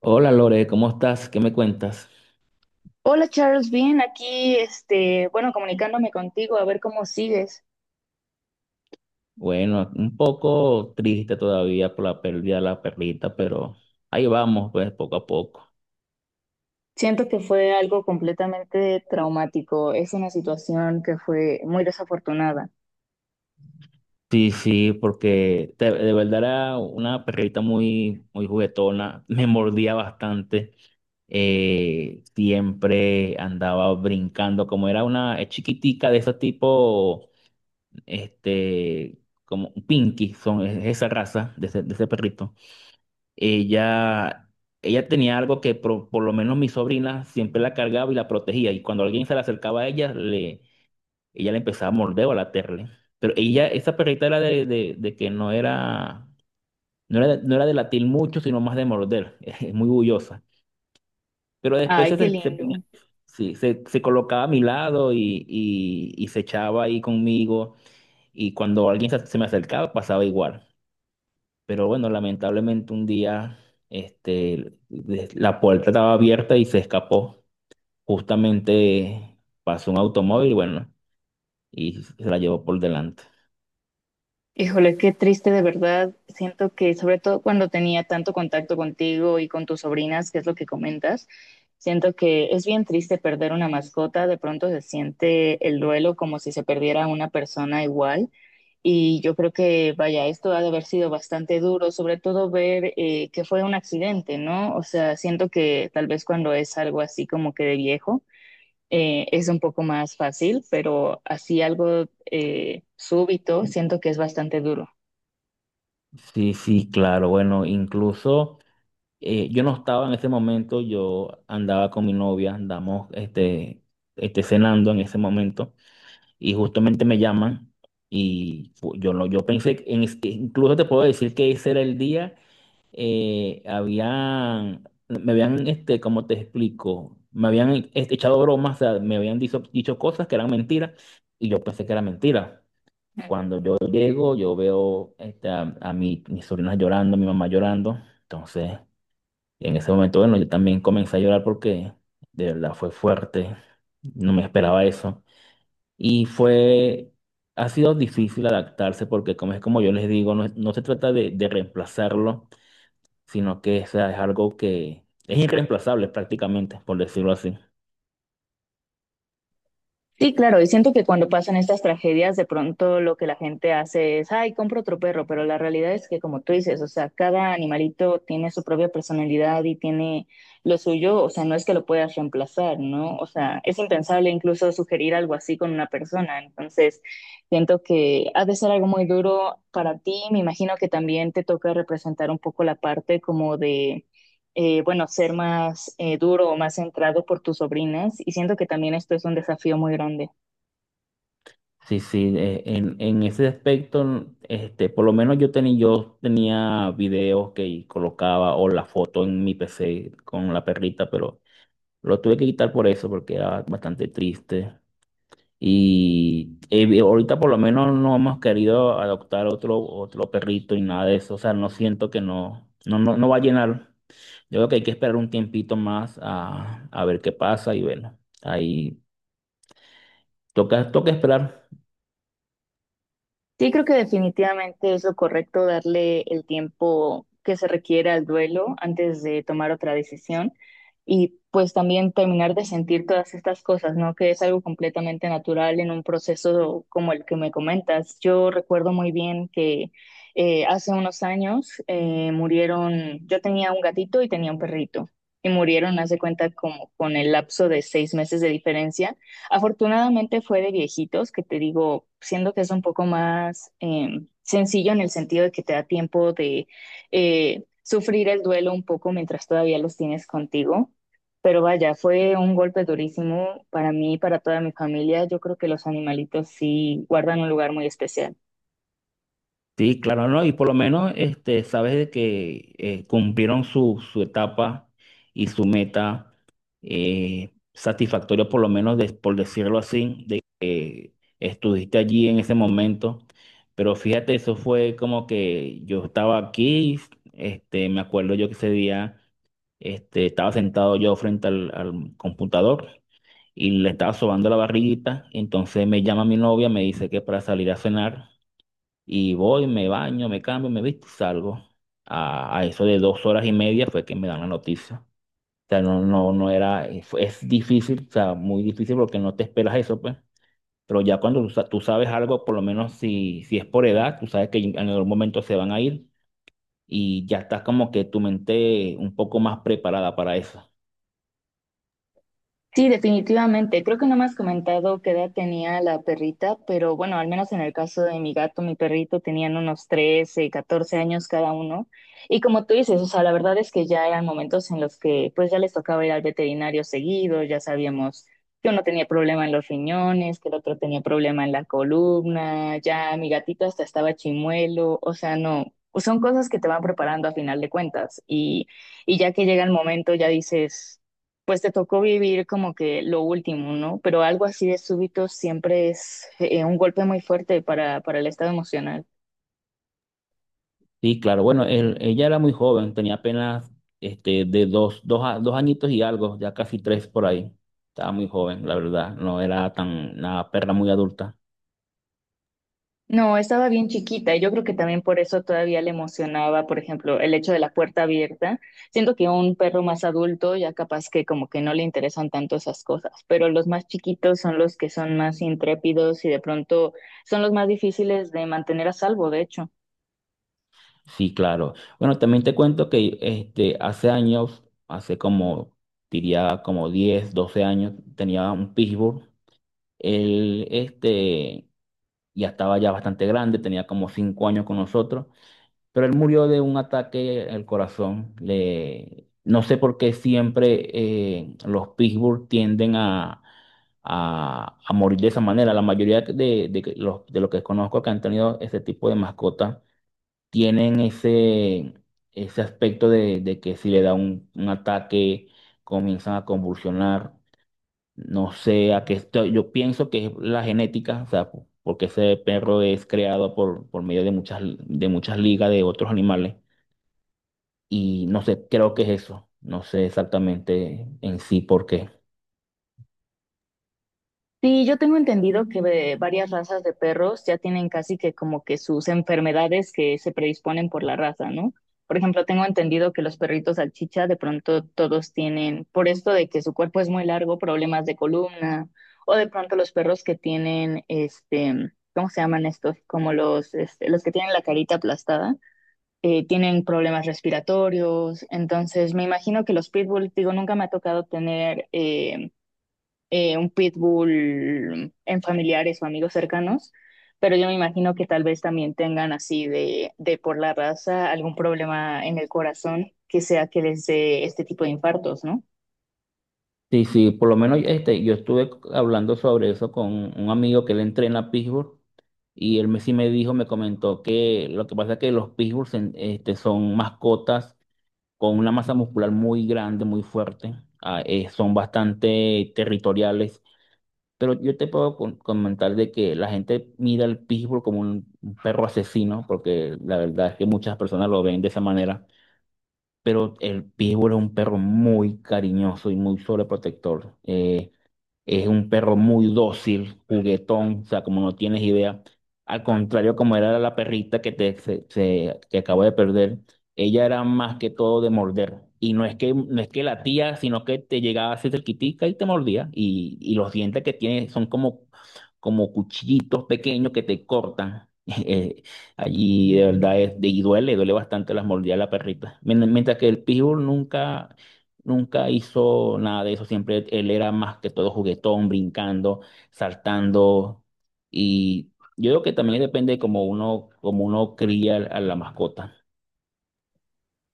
Hola Lore, ¿cómo estás? ¿Qué me cuentas? Hola Charles, bien, aquí, bueno, comunicándome contigo a ver cómo sigues. Bueno, un poco triste todavía por la pérdida de la perrita, pero ahí vamos, pues poco a poco. Siento que fue algo completamente traumático, es una situación que fue muy desafortunada. Sí, sí, porque de verdad era una perrita muy, muy juguetona. Me mordía bastante, siempre andaba brincando, como era una es chiquitica de ese tipo, este, como un pinky, es esa raza de de ese perrito. ella, Ella tenía algo que por lo menos mi sobrina siempre la cargaba y la protegía. Y cuando alguien se le acercaba a ella, ella le empezaba a morder o a latirle. Pero ella, esa perrita era de que no era, no era de latir mucho, sino más de morder. Es muy bullosa. Pero después Ay, qué se ponía. lindo. Sí, se colocaba a mi lado y se echaba ahí conmigo. Y cuando alguien se me acercaba, pasaba igual. Pero bueno, lamentablemente un día la puerta estaba abierta y se escapó. Justamente pasó un automóvil, bueno, y se la llevó por delante. Híjole, qué triste de verdad. Siento que sobre todo cuando tenía tanto contacto contigo y con tus sobrinas, que es lo que comentas, siento que es bien triste perder una mascota. De pronto se siente el duelo como si se perdiera una persona igual. Y yo creo que, vaya, esto ha de haber sido bastante duro, sobre todo ver que fue un accidente, ¿no? O sea, siento que tal vez cuando es algo así como que de viejo es un poco más fácil, pero así algo súbito siento que es bastante duro. Sí, sí, claro. Bueno, incluso yo no estaba en ese momento, yo andaba con mi novia, andamos cenando en ese momento y justamente me llaman y fu- yo, no, yo pensé que que incluso te puedo decir que ese era el día. Habían, como te explico, me habían echado bromas. O sea, me habían dicho cosas que eran mentiras y yo pensé que era mentira. Cuando yo llego, yo veo a mis sobrinas llorando, a mi mamá llorando. Entonces, en ese momento, bueno, yo también comencé a llorar porque de verdad fue fuerte, no me esperaba eso. Y ha sido difícil adaptarse porque como es como yo les digo, no, no se trata de reemplazarlo, sino que, o sea, es algo que es irreemplazable prácticamente, por decirlo así. Sí, claro, y siento que cuando pasan estas tragedias, de pronto lo que la gente hace es, ay, compro otro perro, pero la realidad es que como tú dices, o sea, cada animalito tiene su propia personalidad y tiene lo suyo, o sea, no es que lo puedas reemplazar, ¿no? O sea, es impensable incluso sugerir algo así con una persona, entonces siento que ha de ser algo muy duro para ti, me imagino que también te toca representar un poco la parte como de bueno, ser más duro o más centrado por tus sobrinas y siento que también esto es un desafío muy grande. Sí, sí, en ese aspecto, por lo menos yo tenía videos que colocaba o la foto en mi PC con la perrita, pero lo tuve que quitar por eso, porque era bastante triste. Y ahorita por lo menos no hemos querido adoptar otro perrito y nada de eso. O sea, no siento que no, no, no va a llenar. Yo creo que hay que esperar un tiempito más a ver qué pasa y bueno, ahí toca esperar. Sí, creo que definitivamente es lo correcto darle el tiempo que se requiere al duelo antes de tomar otra decisión y pues también terminar de sentir todas estas cosas, ¿no? Que es algo completamente natural en un proceso como el que me comentas. Yo recuerdo muy bien que hace unos años murieron, yo tenía un gatito y tenía un perrito y murieron, hace cuenta, como con el lapso de 6 meses de diferencia. Afortunadamente fue de viejitos, que te digo, siendo que es un poco más sencillo en el sentido de que te da tiempo de sufrir el duelo un poco mientras todavía los tienes contigo. Pero vaya, fue un golpe durísimo para mí y para toda mi familia. Yo creo que los animalitos sí guardan un lugar muy especial. Sí, claro, no, y por lo menos sabes de que cumplieron su etapa y su meta satisfactoria, por lo menos por decirlo así, de que estuviste allí en ese momento. Pero fíjate, eso fue como que yo estaba aquí, me acuerdo yo que ese día estaba sentado yo frente al computador y le estaba sobando la barriguita. Entonces me llama mi novia, me dice que para salir a cenar y voy, me baño, me cambio, me visto y salgo. A eso de dos horas y media fue que me dan la noticia. O sea, no, no era, es difícil, o sea, muy difícil porque no te esperas eso, pues. Pero ya cuando tú sabes algo, por lo menos si es por edad, tú sabes que en algún momento se van a ir y ya estás como que tu mente un poco más preparada para eso. Sí, definitivamente. Creo que no me has comentado qué edad tenía la perrita, pero bueno, al menos en el caso de mi gato, mi perrito tenían unos 13, 14 años cada uno. Y como tú dices, o sea, la verdad es que ya eran momentos en los que pues ya les tocaba ir al veterinario seguido, ya sabíamos que uno tenía problema en los riñones, que el otro tenía problema en la columna, ya mi gatito hasta estaba chimuelo, o sea, no, son cosas que te van preparando a final de cuentas. Y ya que llega el momento, ya dices pues te tocó vivir como que lo último, ¿no? Pero algo así de súbito siempre es un golpe muy fuerte para el estado emocional. Sí, claro. Bueno, ella era muy joven, tenía apenas este, de dos, dos, a- dos añitos y algo, ya casi tres por ahí. Estaba muy joven, la verdad. No era tan una perra muy adulta. No, estaba bien chiquita y yo creo que también por eso todavía le emocionaba, por ejemplo, el hecho de la puerta abierta. Siento que un perro más adulto ya capaz que como que no le interesan tanto esas cosas, pero los más chiquitos son los que son más intrépidos y de pronto son los más difíciles de mantener a salvo, de hecho. Sí, claro. Bueno, también te cuento que hace años, hace como, diría como 10, 12 años, tenía un pitbull. Él ya estaba ya bastante grande, tenía como 5 años con nosotros. Pero él murió de un ataque al corazón. Le... No sé por qué siempre los Pittsburgh tienden a morir de esa manera. La mayoría de los que conozco que han tenido ese tipo de mascotas tienen ese aspecto de que si le da un ataque, comienzan a convulsionar. No sé a qué estoy. Yo pienso que es la genética, o sea, porque ese perro es creado por medio de de muchas ligas de otros animales. Y no sé, creo que es eso. No sé exactamente en sí por qué. Sí, yo tengo entendido que varias razas de perros ya tienen casi que como que sus enfermedades que se predisponen por la raza, ¿no? Por ejemplo, tengo entendido que los perritos salchicha de pronto todos tienen, por esto de que su cuerpo es muy largo, problemas de columna, o de pronto los perros que tienen, este, ¿cómo se llaman estos? Como los, este, los que tienen la carita aplastada, tienen problemas respiratorios. Entonces, me imagino que los pitbull, digo, nunca me ha tocado tener un pitbull en familiares o amigos cercanos, pero yo me imagino que tal vez también tengan así de por la raza algún problema en el corazón que sea que les dé este tipo de infartos, ¿no? Sí, sí, por lo menos yo estuve hablando sobre eso con un amigo que él entrena pitbull y él sí me dijo, me comentó que lo que pasa es que los pitbulls son mascotas con una masa muscular muy grande, muy fuerte, son bastante territoriales, pero yo te puedo comentar de que la gente mira al pitbull como un perro asesino, porque la verdad es que muchas personas lo ven de esa manera, pero el pitbull es un perro muy cariñoso y muy sobreprotector. Es un perro muy dócil, juguetón, o sea, como no tienes idea. Al contrario, como era la perrita que que acabo de perder, ella era más que todo de morder. Y no es no es que latía, sino que te llegaba así cerquitica y te mordía. Y los dientes que tiene son como cuchillitos pequeños que te cortan. Eh, Allí de verdad es, y duele, duele bastante las mordidas de la perrita. Mientras que el pitbull nunca hizo nada de eso, siempre él era más que todo juguetón, brincando, saltando y yo creo que también depende como uno cría a la mascota.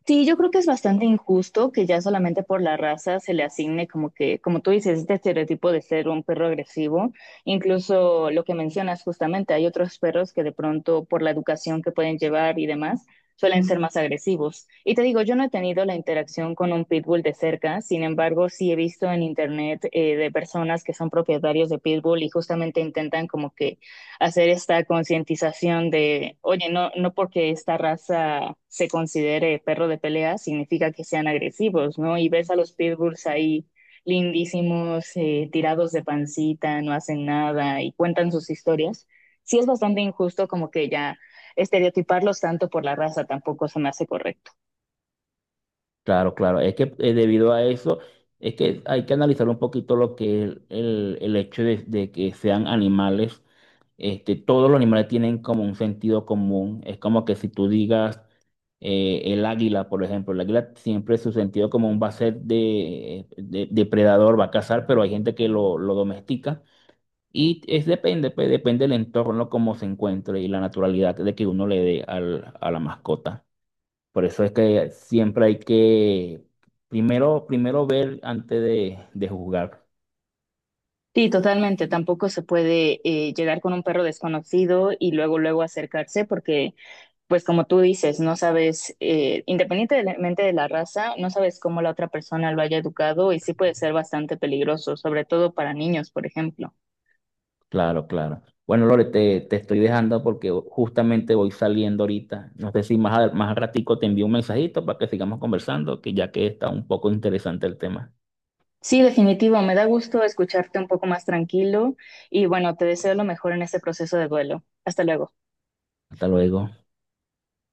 Sí, yo creo que es bastante injusto que ya solamente por la raza se le asigne como que, como tú dices, este estereotipo de ser un perro agresivo. Incluso lo que mencionas justamente, hay otros perros que de pronto por la educación que pueden llevar y demás suelen ser más agresivos. Y te digo, yo no he tenido la interacción con un pitbull de cerca, sin embargo, sí he visto en internet de personas que son propietarios de pitbull y justamente intentan como que hacer esta concientización de, oye, no, no porque esta raza se considere perro de pelea significa que sean agresivos, ¿no? Y ves a los pitbulls ahí lindísimos, tirados de pancita, no hacen nada y cuentan sus historias. Sí es bastante injusto como que ya estereotiparlos tanto por la raza tampoco se me hace correcto. Claro, claro, es que debido a eso es que hay que analizar un poquito lo que es el hecho de que sean animales. Este, todos los animales tienen como un sentido común. Es como que si tú digas el águila, por ejemplo, el águila siempre su sentido común va a ser de, depredador, va a cazar, pero hay gente que lo domestica. Y es depende, pues, depende del entorno, cómo se encuentre y la naturalidad de que uno le dé a la mascota. Por eso es que siempre hay que primero, primero ver antes de juzgar. Sí, totalmente. Tampoco se puede llegar con un perro desconocido y luego, luego acercarse porque, pues como tú dices, no sabes, independientemente de la raza, no sabes cómo la otra persona lo haya educado y sí puede ser bastante peligroso, sobre todo para niños, por ejemplo. Claro, claro. Bueno, Lore, te estoy dejando porque justamente voy saliendo ahorita. No sé si más, más al ratico te envío un mensajito para que sigamos conversando, que ya que está un poco interesante el tema. Sí, definitivo. Me da gusto escucharte un poco más tranquilo y bueno, te deseo lo mejor en este proceso de duelo. Hasta luego. Hasta luego.